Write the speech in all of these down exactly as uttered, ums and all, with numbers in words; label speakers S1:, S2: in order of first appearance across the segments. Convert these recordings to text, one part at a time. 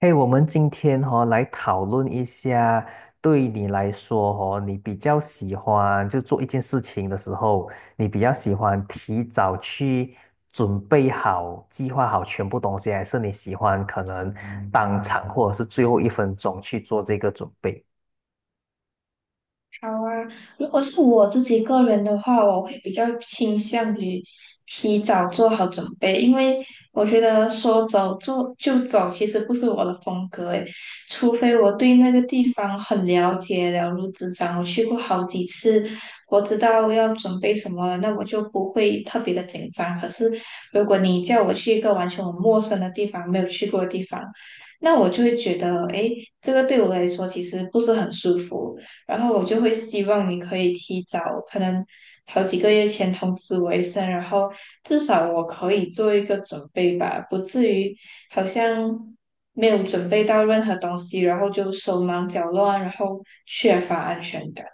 S1: 嘿，我们今天哈、来讨论一下，对你来说哦，你比较喜欢就做一件事情的时候，你比较喜欢提早去准备好、计划好全部东西，还是你喜欢可能当场或者是最后一分钟去做这个准备？
S2: 好啊，如果是我自己个人的话，我会比较倾向于提早做好准备，因为我觉得说走就就走其实不是我的风格诶，除非我对那个地方很了解，了如指掌，我去过好几次，我知道要准备什么了，那我就不会特别的紧张。可是如果你叫我去一个完全我陌生的地方，没有去过的地方，那我就会觉得，诶，这个对我来说其实不是很舒服。然后我就会希望你可以提早，可能好几个月前通知我一声，然后至少我可以做一个准备吧，不至于好像没有准备到任何东西，然后就手忙脚乱，然后缺乏安全感。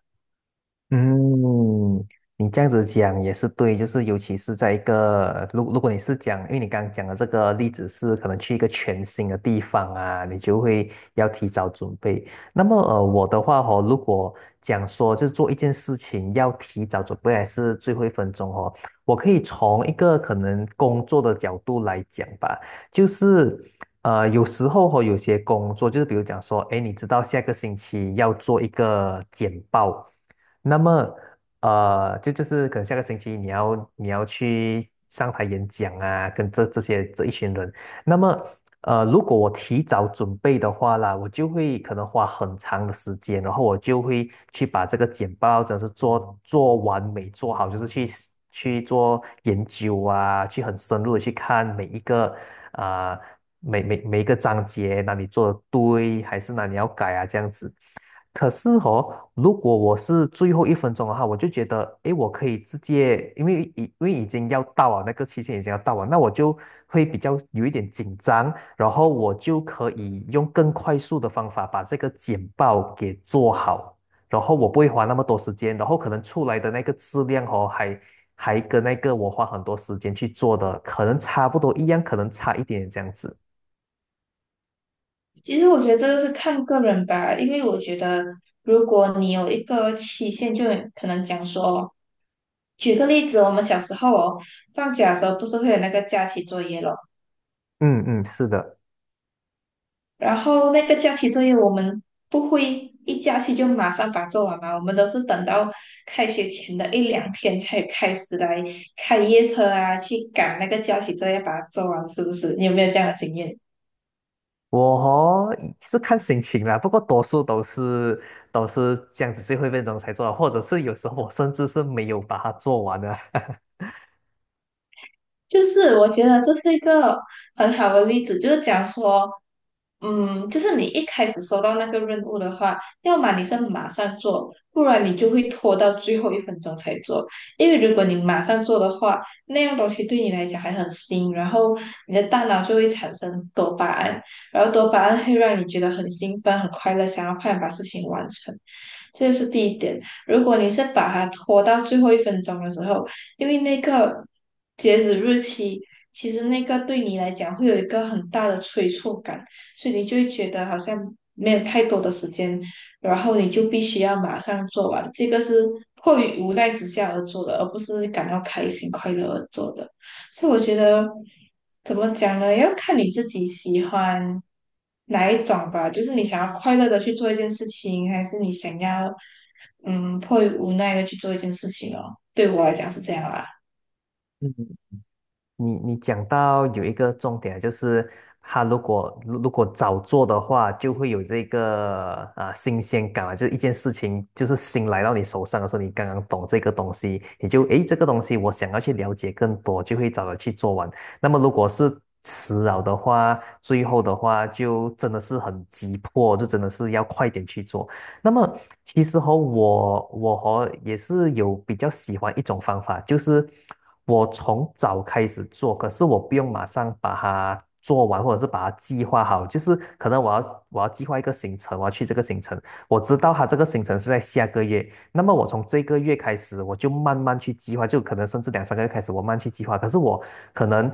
S1: 嗯，你这样子讲也是对，就是尤其是在一个，如如果你是讲，因为你刚刚讲的这个例子是可能去一个全新的地方啊，你就会要提早准备。那么呃，我的话哦，如果讲说就是做一件事情要提早准备，还是最后一分钟哦，我可以从一个可能工作的角度来讲吧，就是呃，有时候哦，有些工作就是比如讲说，哎，你知道下个星期要做一个简报。那么，呃，就就是可能下个星期你要你要去上台演讲啊，跟这这些这一群人。那么，呃，如果我提早准备的话啦，我就会可能花很长的时间，然后我就会去把这个简报真的是做做完美做好，就是去去做研究啊，去很深入的去看每一个啊、每每每一个章节哪里做的对，还是哪里要改啊这样子。可是哦，如果我是最后一分钟的话，我就觉得，诶，我可以直接，因为已因为已经要到了，那个期限已经要到了，那我就会比较有一点紧张，然后我就可以用更快速的方法把这个简报给做好，然后我不会花那么多时间，然后可能出来的那个质量哦，还还跟那个我花很多时间去做的，可能差不多一样，可能差一点这样子。
S2: 其实我觉得这个是看个人吧，因为我觉得如果你有一个期限，就可能讲说，举个例子，我们小时候哦，放假的时候不是会有那个假期作业咯。
S1: 嗯嗯，是的。
S2: 然后那个假期作业我们不会一假期就马上把它做完嘛，我们都是等到开学前的一两天才开始来开夜车啊，去赶那个假期作业把它做完，是不是？你有没有这样的经验？
S1: 我哦是看心情啦，不过多数都是都是这样子最后一分钟才做的或者是有时候我甚至是没有把它做完的。
S2: 就是我觉得这是一个很好的例子，就是讲说，嗯，就是你一开始收到那个任务的话，要么你是马上做，不然你就会拖到最后一分钟才做。因为如果你马上做的话，那样东西对你来讲还很新，然后你的大脑就会产生多巴胺，然后多巴胺会让你觉得很兴奋、很快乐，想要快点把事情完成。这是第一点。如果你是把它拖到最后一分钟的时候，因为那个截止日期，其实那个对你来讲会有一个很大的催促感，所以你就会觉得好像没有太多的时间，然后你就必须要马上做完。这个是迫于无奈之下而做的，而不是感到开心快乐而做的。所以我觉得怎么讲呢？要看你自己喜欢哪一种吧，就是你想要快乐的去做一件事情，还是你想要嗯迫于无奈的去做一件事情哦。对我来讲是这样啊。
S1: 你你讲到有一个重点，就是他如果如如果早做的话，就会有这个啊、新鲜感啊，就是一件事情就是新来到你手上的时候，你刚刚懂这个东西，你就诶这个东西我想要去了解更多，就会早早去做完。那么如果是迟了的话，最后的话就真的是很急迫，就真的是要快点去做。那么其实和我我和也是有比较喜欢一种方法，就是我从早开始做，可是我不用马上把它做完，或者是把它计划好。就是可能我要我要计划一个行程，我要去这个行程，我知道它这个行程是在下个月，那么我从这个月开始，我就慢慢去计划，就可能甚至两三个月开始，我慢慢去计划。可是我可能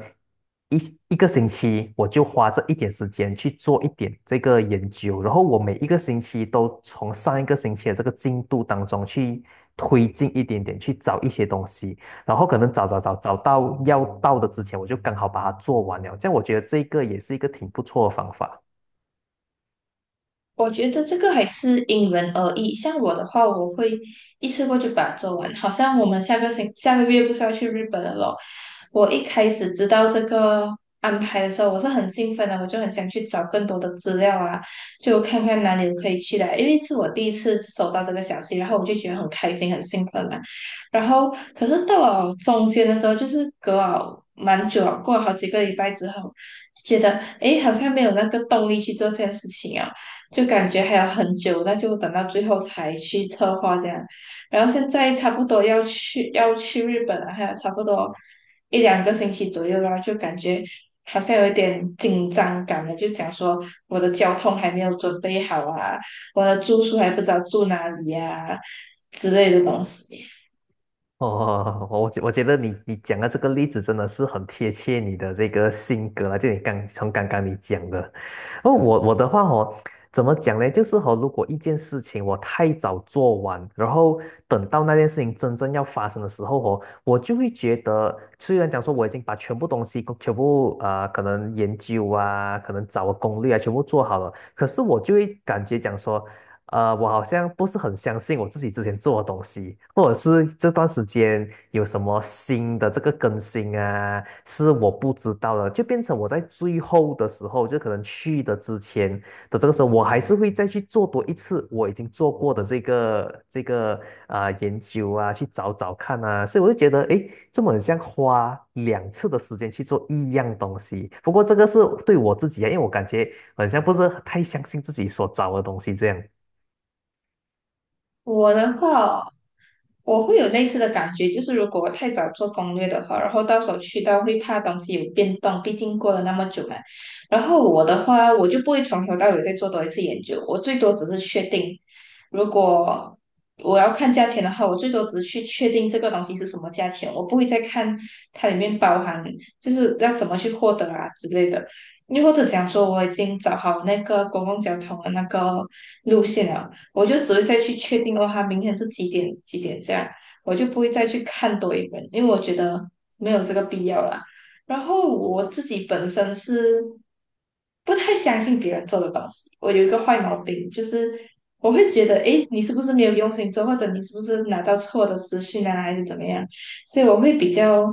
S1: 一一个星期我就花这一点时间去做一点这个研究，然后我每一个星期都从上一个星期的这个进度当中去推进一点点，去找一些东西，然后可能找找找找到要到的之前，我就刚好把它做完了。这样我觉得这个也是一个挺不错的方法。
S2: 我觉得这个还是因人而异。像我的话，我会一次过就把它做完。好像我们下个星下个月不是要去日本了咯？我一开始知道这个安排的时候，我是很兴奋的，我就很想去找更多的资料啊，就看看哪里可以去的。因为是我第一次收到这个消息，然后我就觉得很开心、很兴奋嘛。然后，可是到了中间的时候，就是隔了蛮久了，过了好几个礼拜之后，觉得诶，好像没有那个动力去做这件事情啊。就感觉还有很久，那就等到最后才去策划这样。然后现在差不多要去要去日本了，还有差不多一两个星期左右啦，就感觉好像有一点紧张感了，就讲说我的交通还没有准备好啊，我的住宿还不知道住哪里呀之类的东西。
S1: 哦，我觉我觉得你你讲的这个例子真的是很贴切你的这个性格啊，就你刚从刚刚你讲的，哦，我我的话哦，怎么讲呢？就是哦，如果一件事情我太早做完，然后等到那件事情真正要发生的时候哦，我就会觉得，虽然讲说我已经把全部东西全部啊，可能研究啊，可能找个攻略啊，全部做好了，可是我就会感觉讲说。呃，我好像不是很相信我自己之前做的东西，或者是这段时间有什么新的这个更新啊，是我不知道的，就变成我在最后的时候，就可能去的之前的这个时候，我还是会再去做多一次我已经做过的这个这个啊、研究啊，去找找看啊，所以我就觉得，诶，这么很像花两次的时间去做一样东西。不过这个是对我自己啊，因为我感觉很像不是太相信自己所找的东西这样。
S2: 我的话哦我会有类似的感觉，就是如果我太早做攻略的话，然后到时候去到会怕东西有变动，毕竟过了那么久嘛。然后我的话，我就不会从头到尾再做多一次研究，我最多只是确定，如果我要看价钱的话，我最多只是去确定这个东西是什么价钱，我不会再看它里面包含就是要怎么去获得啊之类的。又或者讲说，我已经找好那个公共交通的那个路线了。我就只会再去确定哦，他明天是几点几点这样，我就不会再去看多一本，因为我觉得没有这个必要啦。然后我自己本身是不太相信别人做的东西，我有一个坏毛病，就是我会觉得，诶，你是不是没有用心做，或者你是不是拿到错的资讯啊，还是怎么样？所以我会比较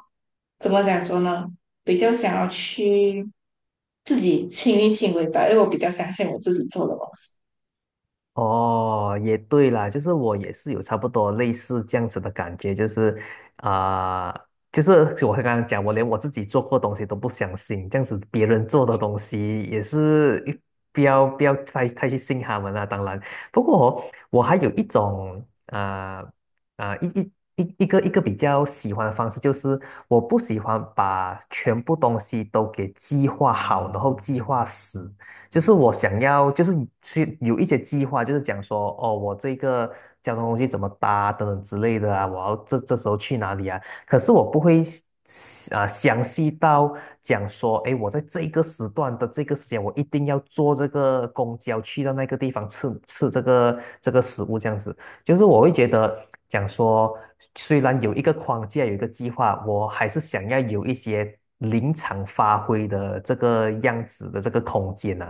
S2: 怎么讲说呢？比较想要去自己亲力亲为吧，因为我比较相信我自己做的东西。
S1: 哦，也对啦，就是我也是有差不多类似这样子的感觉，就是啊、就是 我刚刚讲，我连我自己做过的东西都不相信，这样子别人做的东西也是一不要不要太太去信他们啦。当然，不过哦我还有一种啊啊、一一一一个一个比较喜欢的方式，就是我不喜欢把全部东西都给计划好，然后计划死。就是我想要，就是去有一些计划，就是讲说，哦，我这个交通工具怎么搭等等之类的啊，我要这这时候去哪里啊？可是我不会啊、详细到讲说，诶，我在这个时段的这个时间，我一定要坐这个公交去到那个地方吃吃这个这个食物这样子。就是我会觉得讲说，虽然有一个框架，有一个计划，我还是想要有一些临场发挥的这个样子的这个空间呢。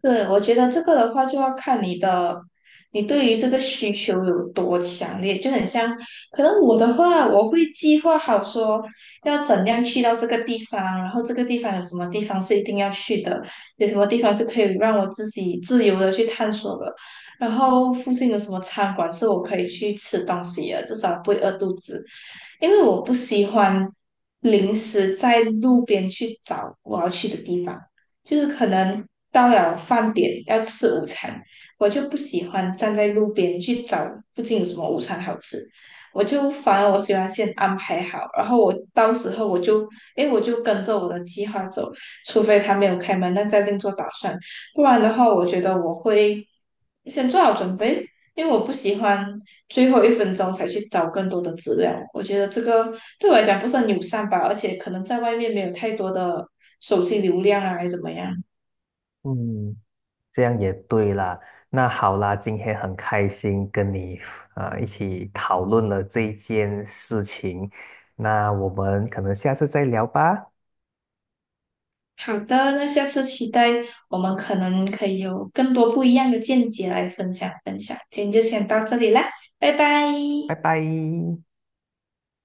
S2: 对，我觉得这个的话就要看你的，你对于这个需求有多强烈，就很像，可能我的话，我会计划好说要怎样去到这个地方，然后这个地方有什么地方是一定要去的，有什么地方是可以让我自己自由的去探索的，然后附近有什么餐馆是我可以去吃东西的，至少不会饿肚子。因为我不喜欢临时在路边去找我要去的地方，就是可能到了饭点要吃午餐，我就不喜欢站在路边去找附近有什么午餐好吃，我就反而我喜欢先安排好，然后我到时候我就，诶，我就跟着我的计划走，除非他没有开门，那再另做打算，不然的话，我觉得我会先做好准备，因为我不喜欢最后一分钟才去找更多的资料。我觉得这个对我来讲不是很友善吧，而且可能在外面没有太多的手机流量啊，还是怎么样。
S1: 嗯，这样也对啦。那好啦，今天很开心跟你啊、呃一起讨论了这一件事情。那我们可能下次再聊吧，
S2: 好的，那下次期待我们可能可以有更多不一样的见解来分享分享。今天就先到这里啦，拜拜。
S1: 拜拜。